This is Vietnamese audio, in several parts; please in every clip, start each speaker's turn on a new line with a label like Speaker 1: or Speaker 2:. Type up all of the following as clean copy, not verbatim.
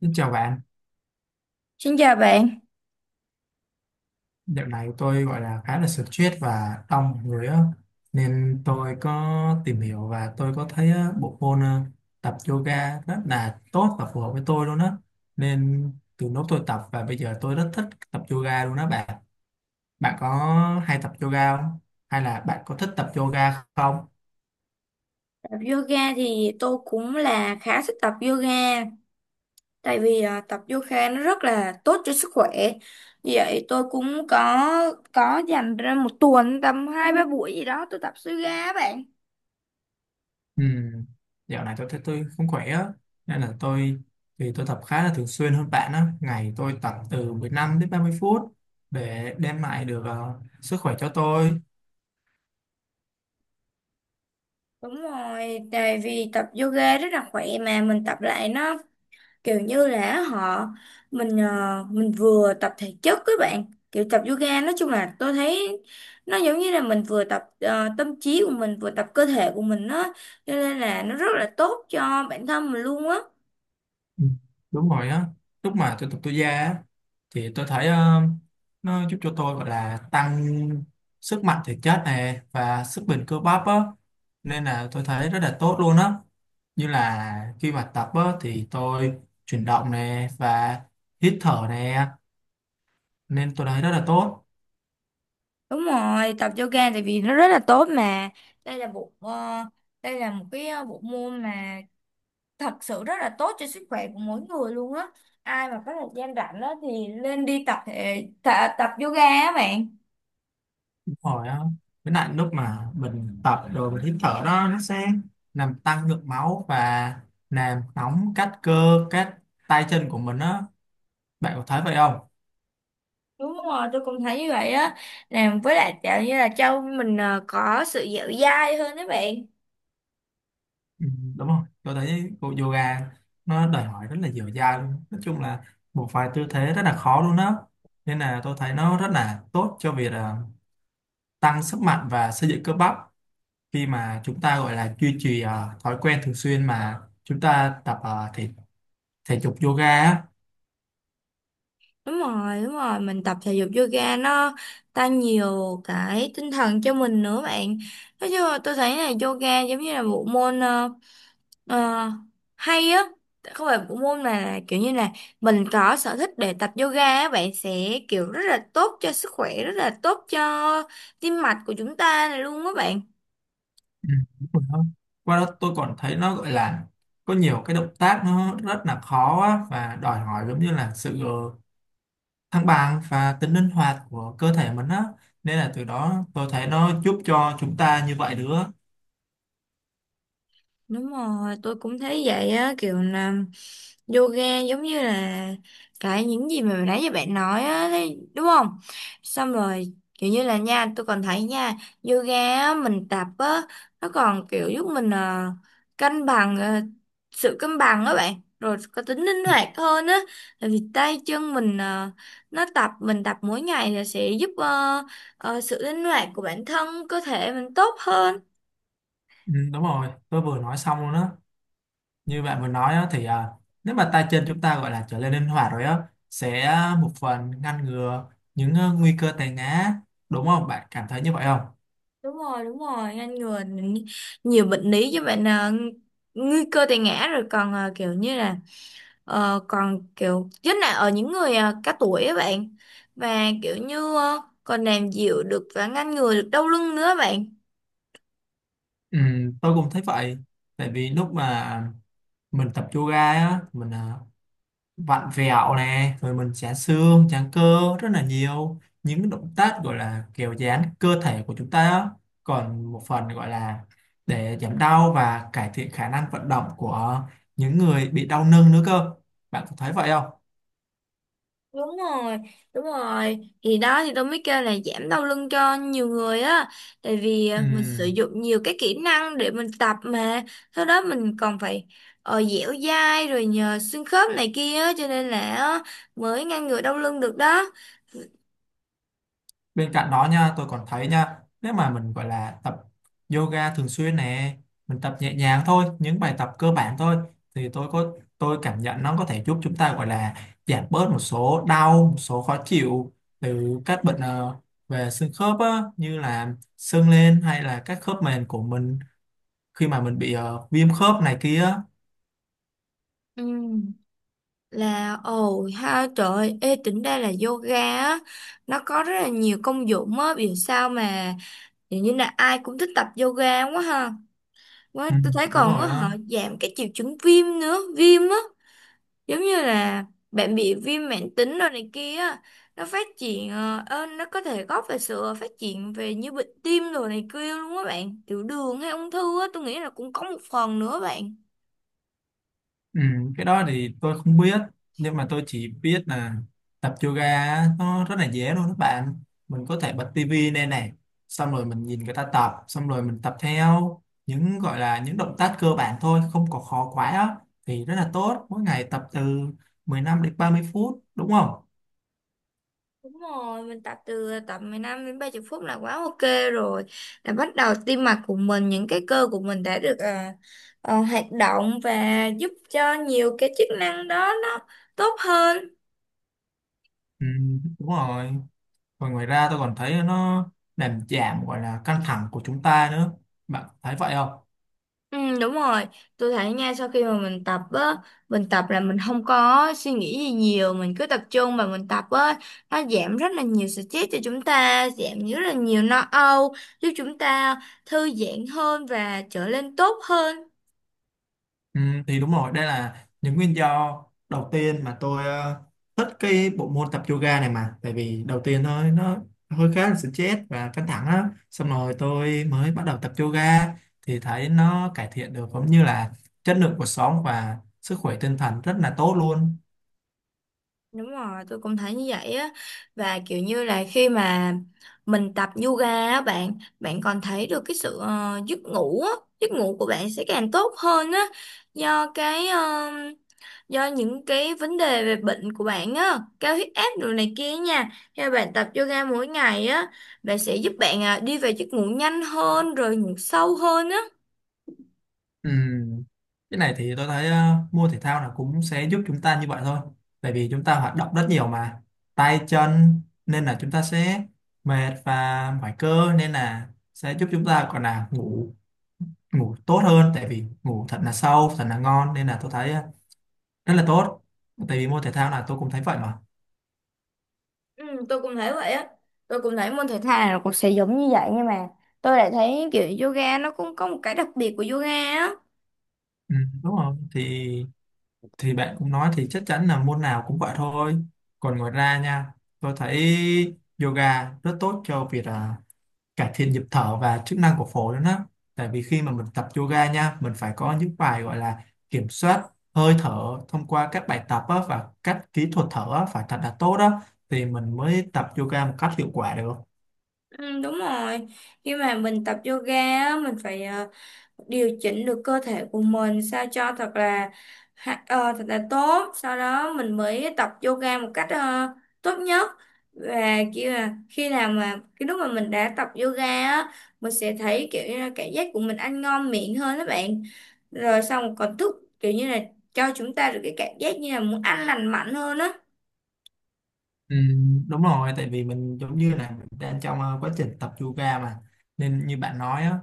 Speaker 1: Xin chào bạn,
Speaker 2: Xin chào bạn,
Speaker 1: dạo này tôi gọi là khá là stress và đông người á, nên tôi có tìm hiểu và tôi có thấy á, bộ môn tập yoga rất là tốt và phù hợp với tôi luôn á, nên từ lúc tôi tập và bây giờ tôi rất thích tập yoga luôn á bạn. Bạn có hay tập yoga không? Hay là bạn có thích tập yoga không?
Speaker 2: tập yoga thì tôi cũng là khá thích tập yoga tại vì tập yoga nó rất là tốt cho sức khỏe. Vì vậy tôi cũng có dành ra một tuần tầm hai ba buổi gì đó tôi tập yoga á bạn.
Speaker 1: Ừ. Dạo này tôi thấy tôi không khỏe á, nên là tôi, thì tôi tập khá là thường xuyên hơn bạn á, ngày tôi tập từ 15 đến 30 phút để đem lại được sức khỏe cho tôi.
Speaker 2: Đúng rồi, tại vì tập yoga rất là khỏe mà mình tập lại nó kiểu như là họ mình mình vừa tập thể chất các bạn, kiểu tập yoga nói chung là tôi thấy nó giống như là mình vừa tập tâm trí của mình, vừa tập cơ thể của mình á, cho nên là nó rất là tốt cho bản thân mình luôn á.
Speaker 1: Ừ, đúng rồi á, lúc mà tôi tập tôi ra á, thì tôi thấy nó giúp cho tôi gọi là tăng sức mạnh thể chất này và sức bền cơ bắp á, nên là tôi thấy rất là tốt luôn á, như là khi mà tập á, thì tôi chuyển động nè và hít thở nè, nên tôi thấy rất là tốt.
Speaker 2: Đúng rồi, tập yoga tại vì nó rất là tốt mà. Đây là bộ đây là một cái bộ môn mà thật sự rất là tốt cho sức khỏe của mỗi người luôn á. Ai mà có thời gian rảnh á thì nên đi tập yoga á bạn.
Speaker 1: Đúng rồi á, với lại lúc mà mình tập rồi mình hít thở đó, nó sẽ làm tăng lượng máu và làm nóng các cơ, các tay chân của mình á, bạn có thấy vậy không?
Speaker 2: Đúng rồi, tôi cũng thấy như vậy á. Làm với lại kiểu như là cho mình có sự dẻo dai hơn đấy bạn.
Speaker 1: Ừ, đúng không, tôi thấy bộ yoga nó đòi hỏi rất là dẻo dai luôn, nói chung là một vài tư thế rất là khó luôn đó, nên là tôi thấy nó rất là tốt cho việc tăng sức mạnh và xây dựng cơ bắp khi mà chúng ta gọi là duy trì thói quen thường xuyên mà chúng ta tập thể thể dục yoga á.
Speaker 2: Đúng rồi, mình tập thể dục yoga nó tăng nhiều cái tinh thần cho mình nữa bạn. Nói chung là tôi thấy là yoga giống như là bộ môn ờ, hay á. Không phải bộ môn mà là kiểu như là mình có sở thích để tập yoga á, bạn sẽ kiểu rất là tốt cho sức khỏe, rất là tốt cho tim mạch của chúng ta này luôn á bạn.
Speaker 1: Ừ, đúng rồi đó. Qua đó tôi còn thấy nó gọi là có nhiều cái động tác nó rất là khó á, và đòi hỏi giống như là sự thăng bằng và tính linh hoạt của cơ thể mình á, nên là từ đó tôi thấy nó giúp cho chúng ta như vậy nữa.
Speaker 2: Đúng rồi, tôi cũng thấy vậy á, kiểu là yoga giống như là cái những gì mà nãy giờ bạn nói á, thấy- đúng không? Xong rồi, kiểu như là nha, tôi còn thấy nha, yoga á, mình tập á, nó còn kiểu giúp mình cân bằng, sự cân bằng á bạn, rồi có tính linh hoạt hơn á, tại vì tay chân mình nó tập, mình tập mỗi ngày là sẽ giúp sự linh hoạt của bản thân, cơ thể mình tốt hơn.
Speaker 1: Ừ, đúng rồi tôi vừa nói xong luôn á, như bạn vừa nói á, thì nếu mà tay chân chúng ta gọi là trở nên linh hoạt rồi á, sẽ một phần ngăn ngừa những nguy cơ té ngã, đúng không? Bạn cảm thấy như vậy không?
Speaker 2: Đúng rồi, ngăn ngừa nhiều bệnh lý chứ bạn, nguy cơ tai ngã, rồi còn kiểu như là còn kiểu nhất là ở những người cao tuổi á bạn, và kiểu như còn làm dịu được và ngăn ngừa được đau lưng nữa bạn.
Speaker 1: Ừ, tôi cũng thấy vậy, tại vì lúc mà mình tập yoga á mình vặn vẹo nè rồi mình giãn xương giãn cơ, rất là nhiều những động tác gọi là kiểu giãn cơ thể của chúng ta á. Còn một phần gọi là để giảm đau và cải thiện khả năng vận động của những người bị đau lưng nữa cơ, bạn có thấy vậy không?
Speaker 2: Đúng rồi đúng rồi thì đó thì tôi mới kêu là giảm đau lưng cho nhiều người á, tại vì
Speaker 1: Ừ.
Speaker 2: mình sử dụng nhiều cái kỹ năng để mình tập mà, sau đó mình còn phải dẻo dai rồi nhờ xương khớp này kia á, cho nên là á, mới ngăn ngừa đau lưng được đó.
Speaker 1: Bên cạnh đó nha, tôi còn thấy nha, nếu mà mình gọi là tập yoga thường xuyên nè, mình tập nhẹ nhàng thôi, những bài tập cơ bản thôi, thì tôi có, tôi cảm nhận nó có thể giúp chúng ta gọi là giảm bớt một số đau, một số khó chịu từ các bệnh về xương khớp á, như là sưng lên hay là các khớp mềm của mình khi mà mình bị viêm khớp này kia.
Speaker 2: Ừ, là ồ ha trời ơi, ê tính ra là yoga á, nó có rất là nhiều công dụng á, vì sao mà hình như là ai cũng thích tập yoga quá ha. Quá,
Speaker 1: Ừ,
Speaker 2: tôi thấy
Speaker 1: đúng
Speaker 2: còn có
Speaker 1: rồi
Speaker 2: họ
Speaker 1: á.
Speaker 2: giảm cái triệu chứng viêm nữa, viêm á, giống như là bạn bị viêm mãn tính rồi này kia á, nó phát triển nó có thể góp về sự phát triển về như bệnh tim rồi này kia luôn á bạn, tiểu đường hay ung thư á, tôi nghĩ là cũng có một phần nữa bạn.
Speaker 1: Ừ, cái đó thì tôi không biết, nhưng mà tôi chỉ biết là tập yoga á, nó rất là dễ luôn các bạn, mình có thể bật tivi lên này, xong rồi mình nhìn người ta tập xong rồi mình tập theo những gọi là những động tác cơ bản thôi, không có khó quá á, thì rất là tốt, mỗi ngày tập từ 15 đến 30 phút đúng không?
Speaker 2: Đúng rồi, mình tập từ tập mười 15 đến 30 phút là quá ok rồi. Là bắt đầu tim mạch của mình, những cái cơ của mình đã được hoạt động và giúp cho nhiều cái chức năng đó nó tốt hơn.
Speaker 1: Ừ, đúng rồi. Còn ngoài ra tôi còn thấy nó làm giảm gọi là căng thẳng của chúng ta nữa, bạn thấy vậy không?
Speaker 2: Ừ, đúng rồi, tôi thấy nha, sau khi mà mình tập á, mình tập là mình không có suy nghĩ gì nhiều, mình cứ tập trung và mình tập á, nó giảm rất là nhiều stress cho chúng ta, giảm rất là nhiều lo âu, giúp chúng ta thư giãn hơn và trở nên tốt hơn.
Speaker 1: Ừ, thì đúng rồi, đây là những nguyên do đầu tiên mà tôi thích cái bộ môn tập yoga này, mà tại vì đầu tiên thôi nó hơi khá là stress và căng thẳng á, xong rồi tôi mới bắt đầu tập yoga thì thấy nó cải thiện được cũng như là chất lượng cuộc sống và sức khỏe tinh thần rất là tốt luôn.
Speaker 2: Đúng rồi, tôi cũng thấy như vậy á, và kiểu như là khi mà mình tập yoga á bạn bạn còn thấy được cái sự giấc ngủ á, giấc ngủ của bạn sẽ càng tốt hơn á, do cái do những cái vấn đề về bệnh của bạn á, cao huyết áp rồi này kia nha, theo bạn tập yoga mỗi ngày á, bạn sẽ giúp bạn đi về giấc ngủ nhanh hơn rồi ngủ sâu hơn á.
Speaker 1: Ừ. Cái này thì tôi thấy mua thể thao là cũng sẽ giúp chúng ta như vậy thôi. Tại vì chúng ta hoạt động rất nhiều mà tay chân, nên là chúng ta sẽ mệt và mỏi cơ, nên là sẽ giúp chúng ta còn là ngủ, ngủ tốt hơn, tại vì ngủ thật là sâu, thật là ngon, nên là tôi thấy rất là tốt. Tại vì môn thể thao là tôi cũng thấy vậy mà.
Speaker 2: Ừ, tôi cũng thấy vậy á, tôi cũng thấy môn thể thao nào cũng sẽ giống như vậy, nhưng mà tôi lại thấy kiểu yoga nó cũng có một cái đặc biệt của yoga á.
Speaker 1: Ừ, đúng rồi. Thì bạn cũng nói thì chắc chắn là môn nào cũng vậy thôi. Còn ngoài ra nha, tôi thấy yoga rất tốt cho việc cải thiện nhịp thở và chức năng của phổi nữa đó. Tại vì khi mà mình tập yoga nha, mình phải có những bài gọi là kiểm soát hơi thở thông qua các bài tập á, và các kỹ thuật thở á, phải thật là tốt đó thì mình mới tập yoga một cách hiệu quả được.
Speaker 2: Ừ, đúng rồi, khi mà mình tập yoga á mình phải điều chỉnh được cơ thể của mình sao cho thật là thật là tốt, sau đó mình mới tập yoga một cách tốt nhất. Và kiểu là khi nào mà cái lúc mà mình đã tập yoga á, mình sẽ thấy kiểu như là cảm giác của mình ăn ngon miệng hơn đó bạn, rồi xong còn thức kiểu như là cho chúng ta được cái cảm giác như là muốn ăn lành mạnh hơn á.
Speaker 1: Ừ, đúng rồi, tại vì mình giống như là mình đang trong quá trình tập yoga mà, nên như bạn nói á,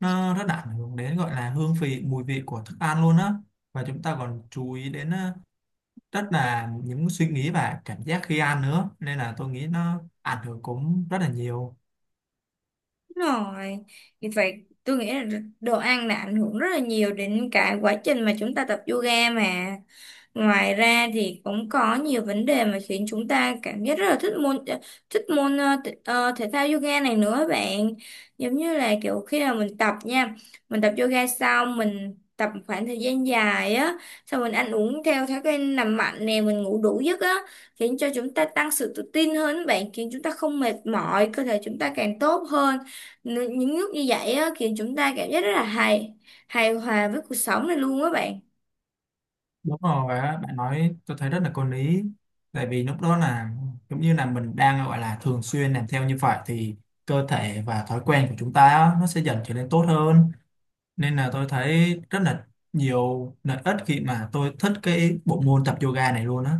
Speaker 1: nó rất là ảnh hưởng đến gọi là hương vị, mùi vị của thức ăn luôn á, và chúng ta còn chú ý đến rất là những suy nghĩ và cảm giác khi ăn nữa, nên là tôi nghĩ nó ảnh hưởng cũng rất là nhiều.
Speaker 2: Đúng rồi, vì vậy tôi nghĩ là đồ ăn là ảnh hưởng rất là nhiều đến cả quá trình mà chúng ta tập yoga mà. Ngoài ra thì cũng có nhiều vấn đề mà khiến chúng ta cảm giác rất là thích môn thể thao yoga này nữa bạn. Giống như là kiểu khi mà mình tập nha, mình tập yoga xong, mình tập một khoảng thời gian dài á, xong mình ăn uống theo thói quen nằm mạnh nè, mình ngủ đủ giấc á, khiến cho chúng ta tăng sự tự tin hơn á bạn, khiến chúng ta không mệt mỏi, cơ thể chúng ta càng tốt hơn. Những lúc như vậy á khiến chúng ta cảm giác rất là hài hài hòa với cuộc sống này luôn á bạn.
Speaker 1: Đúng rồi á, bạn nói tôi thấy rất là có lý, tại vì lúc đó là giống như là mình đang gọi là thường xuyên làm theo như vậy, thì cơ thể và thói quen của chúng ta á, nó sẽ dần trở nên tốt hơn, nên là tôi thấy rất là nhiều lợi ích khi mà tôi thích cái bộ môn tập yoga này luôn á.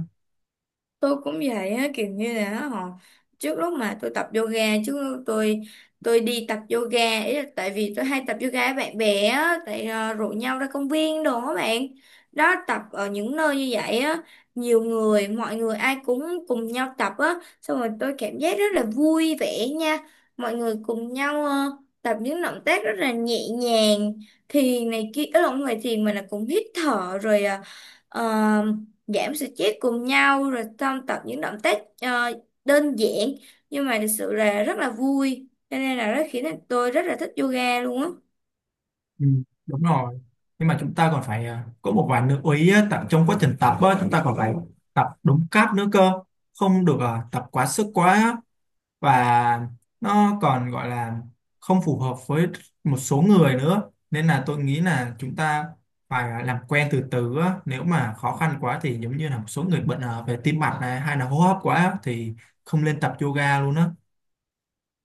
Speaker 2: Tôi cũng vậy á, kiểu như là họ trước lúc mà tôi tập yoga chứ tôi đi tập yoga ý là tại vì tôi hay tập yoga với bạn bè á, tại rủ nhau ra công viên đồ á bạn, đó tập ở những nơi như vậy á, nhiều người mọi người ai cũng cùng nhau tập á, xong rồi tôi cảm giác rất là vui vẻ nha, mọi người cùng nhau tập những động tác rất là nhẹ nhàng, thiền này kia ở không phải thiền mà là cũng hít thở rồi à, giảm stress cùng nhau, rồi xong tập những động tác đơn giản, nhưng mà thực sự là rất là vui, cho nên là nó khiến tôi rất là thích yoga luôn á.
Speaker 1: Ừ, đúng rồi, nhưng mà chúng ta còn phải có một vài lưu ý á, tại trong quá trình tập á, chúng ta còn phải tập đúng cách nữa cơ, không được tập quá sức quá á. Và nó còn gọi là không phù hợp với một số người nữa, nên là tôi nghĩ là chúng ta phải làm quen từ từ á. Nếu mà khó khăn quá thì giống như là một số người bệnh về tim mạch này hay là hô hấp quá á, thì không nên tập yoga luôn á.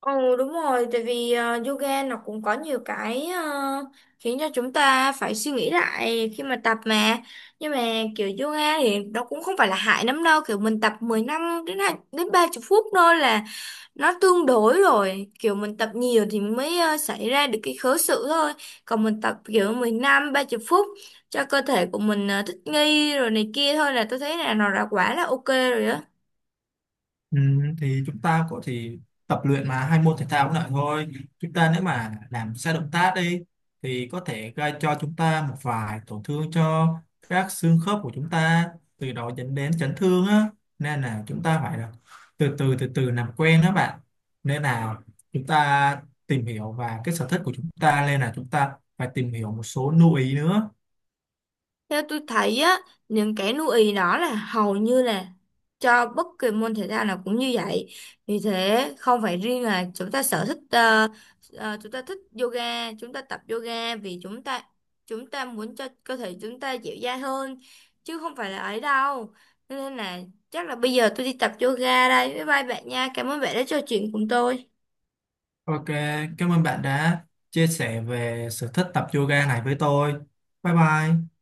Speaker 2: Ồ đúng rồi, tại vì yoga nó cũng có nhiều cái khiến cho chúng ta phải suy nghĩ lại khi mà tập mà. Nhưng mà kiểu yoga thì nó cũng không phải là hại lắm đâu, kiểu mình tập 10 năm đến hai- đến 30 phút thôi là nó tương đối rồi, kiểu mình tập nhiều thì mới xảy ra được cái khớ sự thôi, còn mình tập kiểu mười lăm ba 30 phút cho cơ thể của mình thích nghi rồi này kia thôi là tôi thấy là nó đã quá là ok rồi đó.
Speaker 1: Ừ, thì chúng ta có thể tập luyện mà hai môn thể thao cũng lại thôi, chúng ta nếu mà làm sai động tác đi thì có thể gây cho chúng ta một vài tổn thương cho các xương khớp của chúng ta, từ đó dẫn đến chấn thương á, nên là chúng ta phải là từ từ từ từ làm quen đó bạn, nên là chúng ta tìm hiểu và cái sở thích của chúng ta, nên là chúng ta phải tìm hiểu một số lưu ý nữa.
Speaker 2: Theo tôi thấy á, những cái nuôi ì đó là hầu như là cho bất kỳ môn thể thao nào cũng như vậy. Vì thế không phải riêng là chúng ta sở thích chúng ta thích yoga, chúng ta tập yoga vì chúng ta muốn cho cơ thể chúng ta dẻo dai hơn chứ không phải là ấy đâu. Nên là chắc là bây giờ tôi đi tập yoga đây. Bye bye bạn nha. Cảm ơn bạn đã trò chuyện cùng tôi.
Speaker 1: Ok, cảm ơn bạn đã chia sẻ về sở thích tập yoga này với tôi. Bye bye.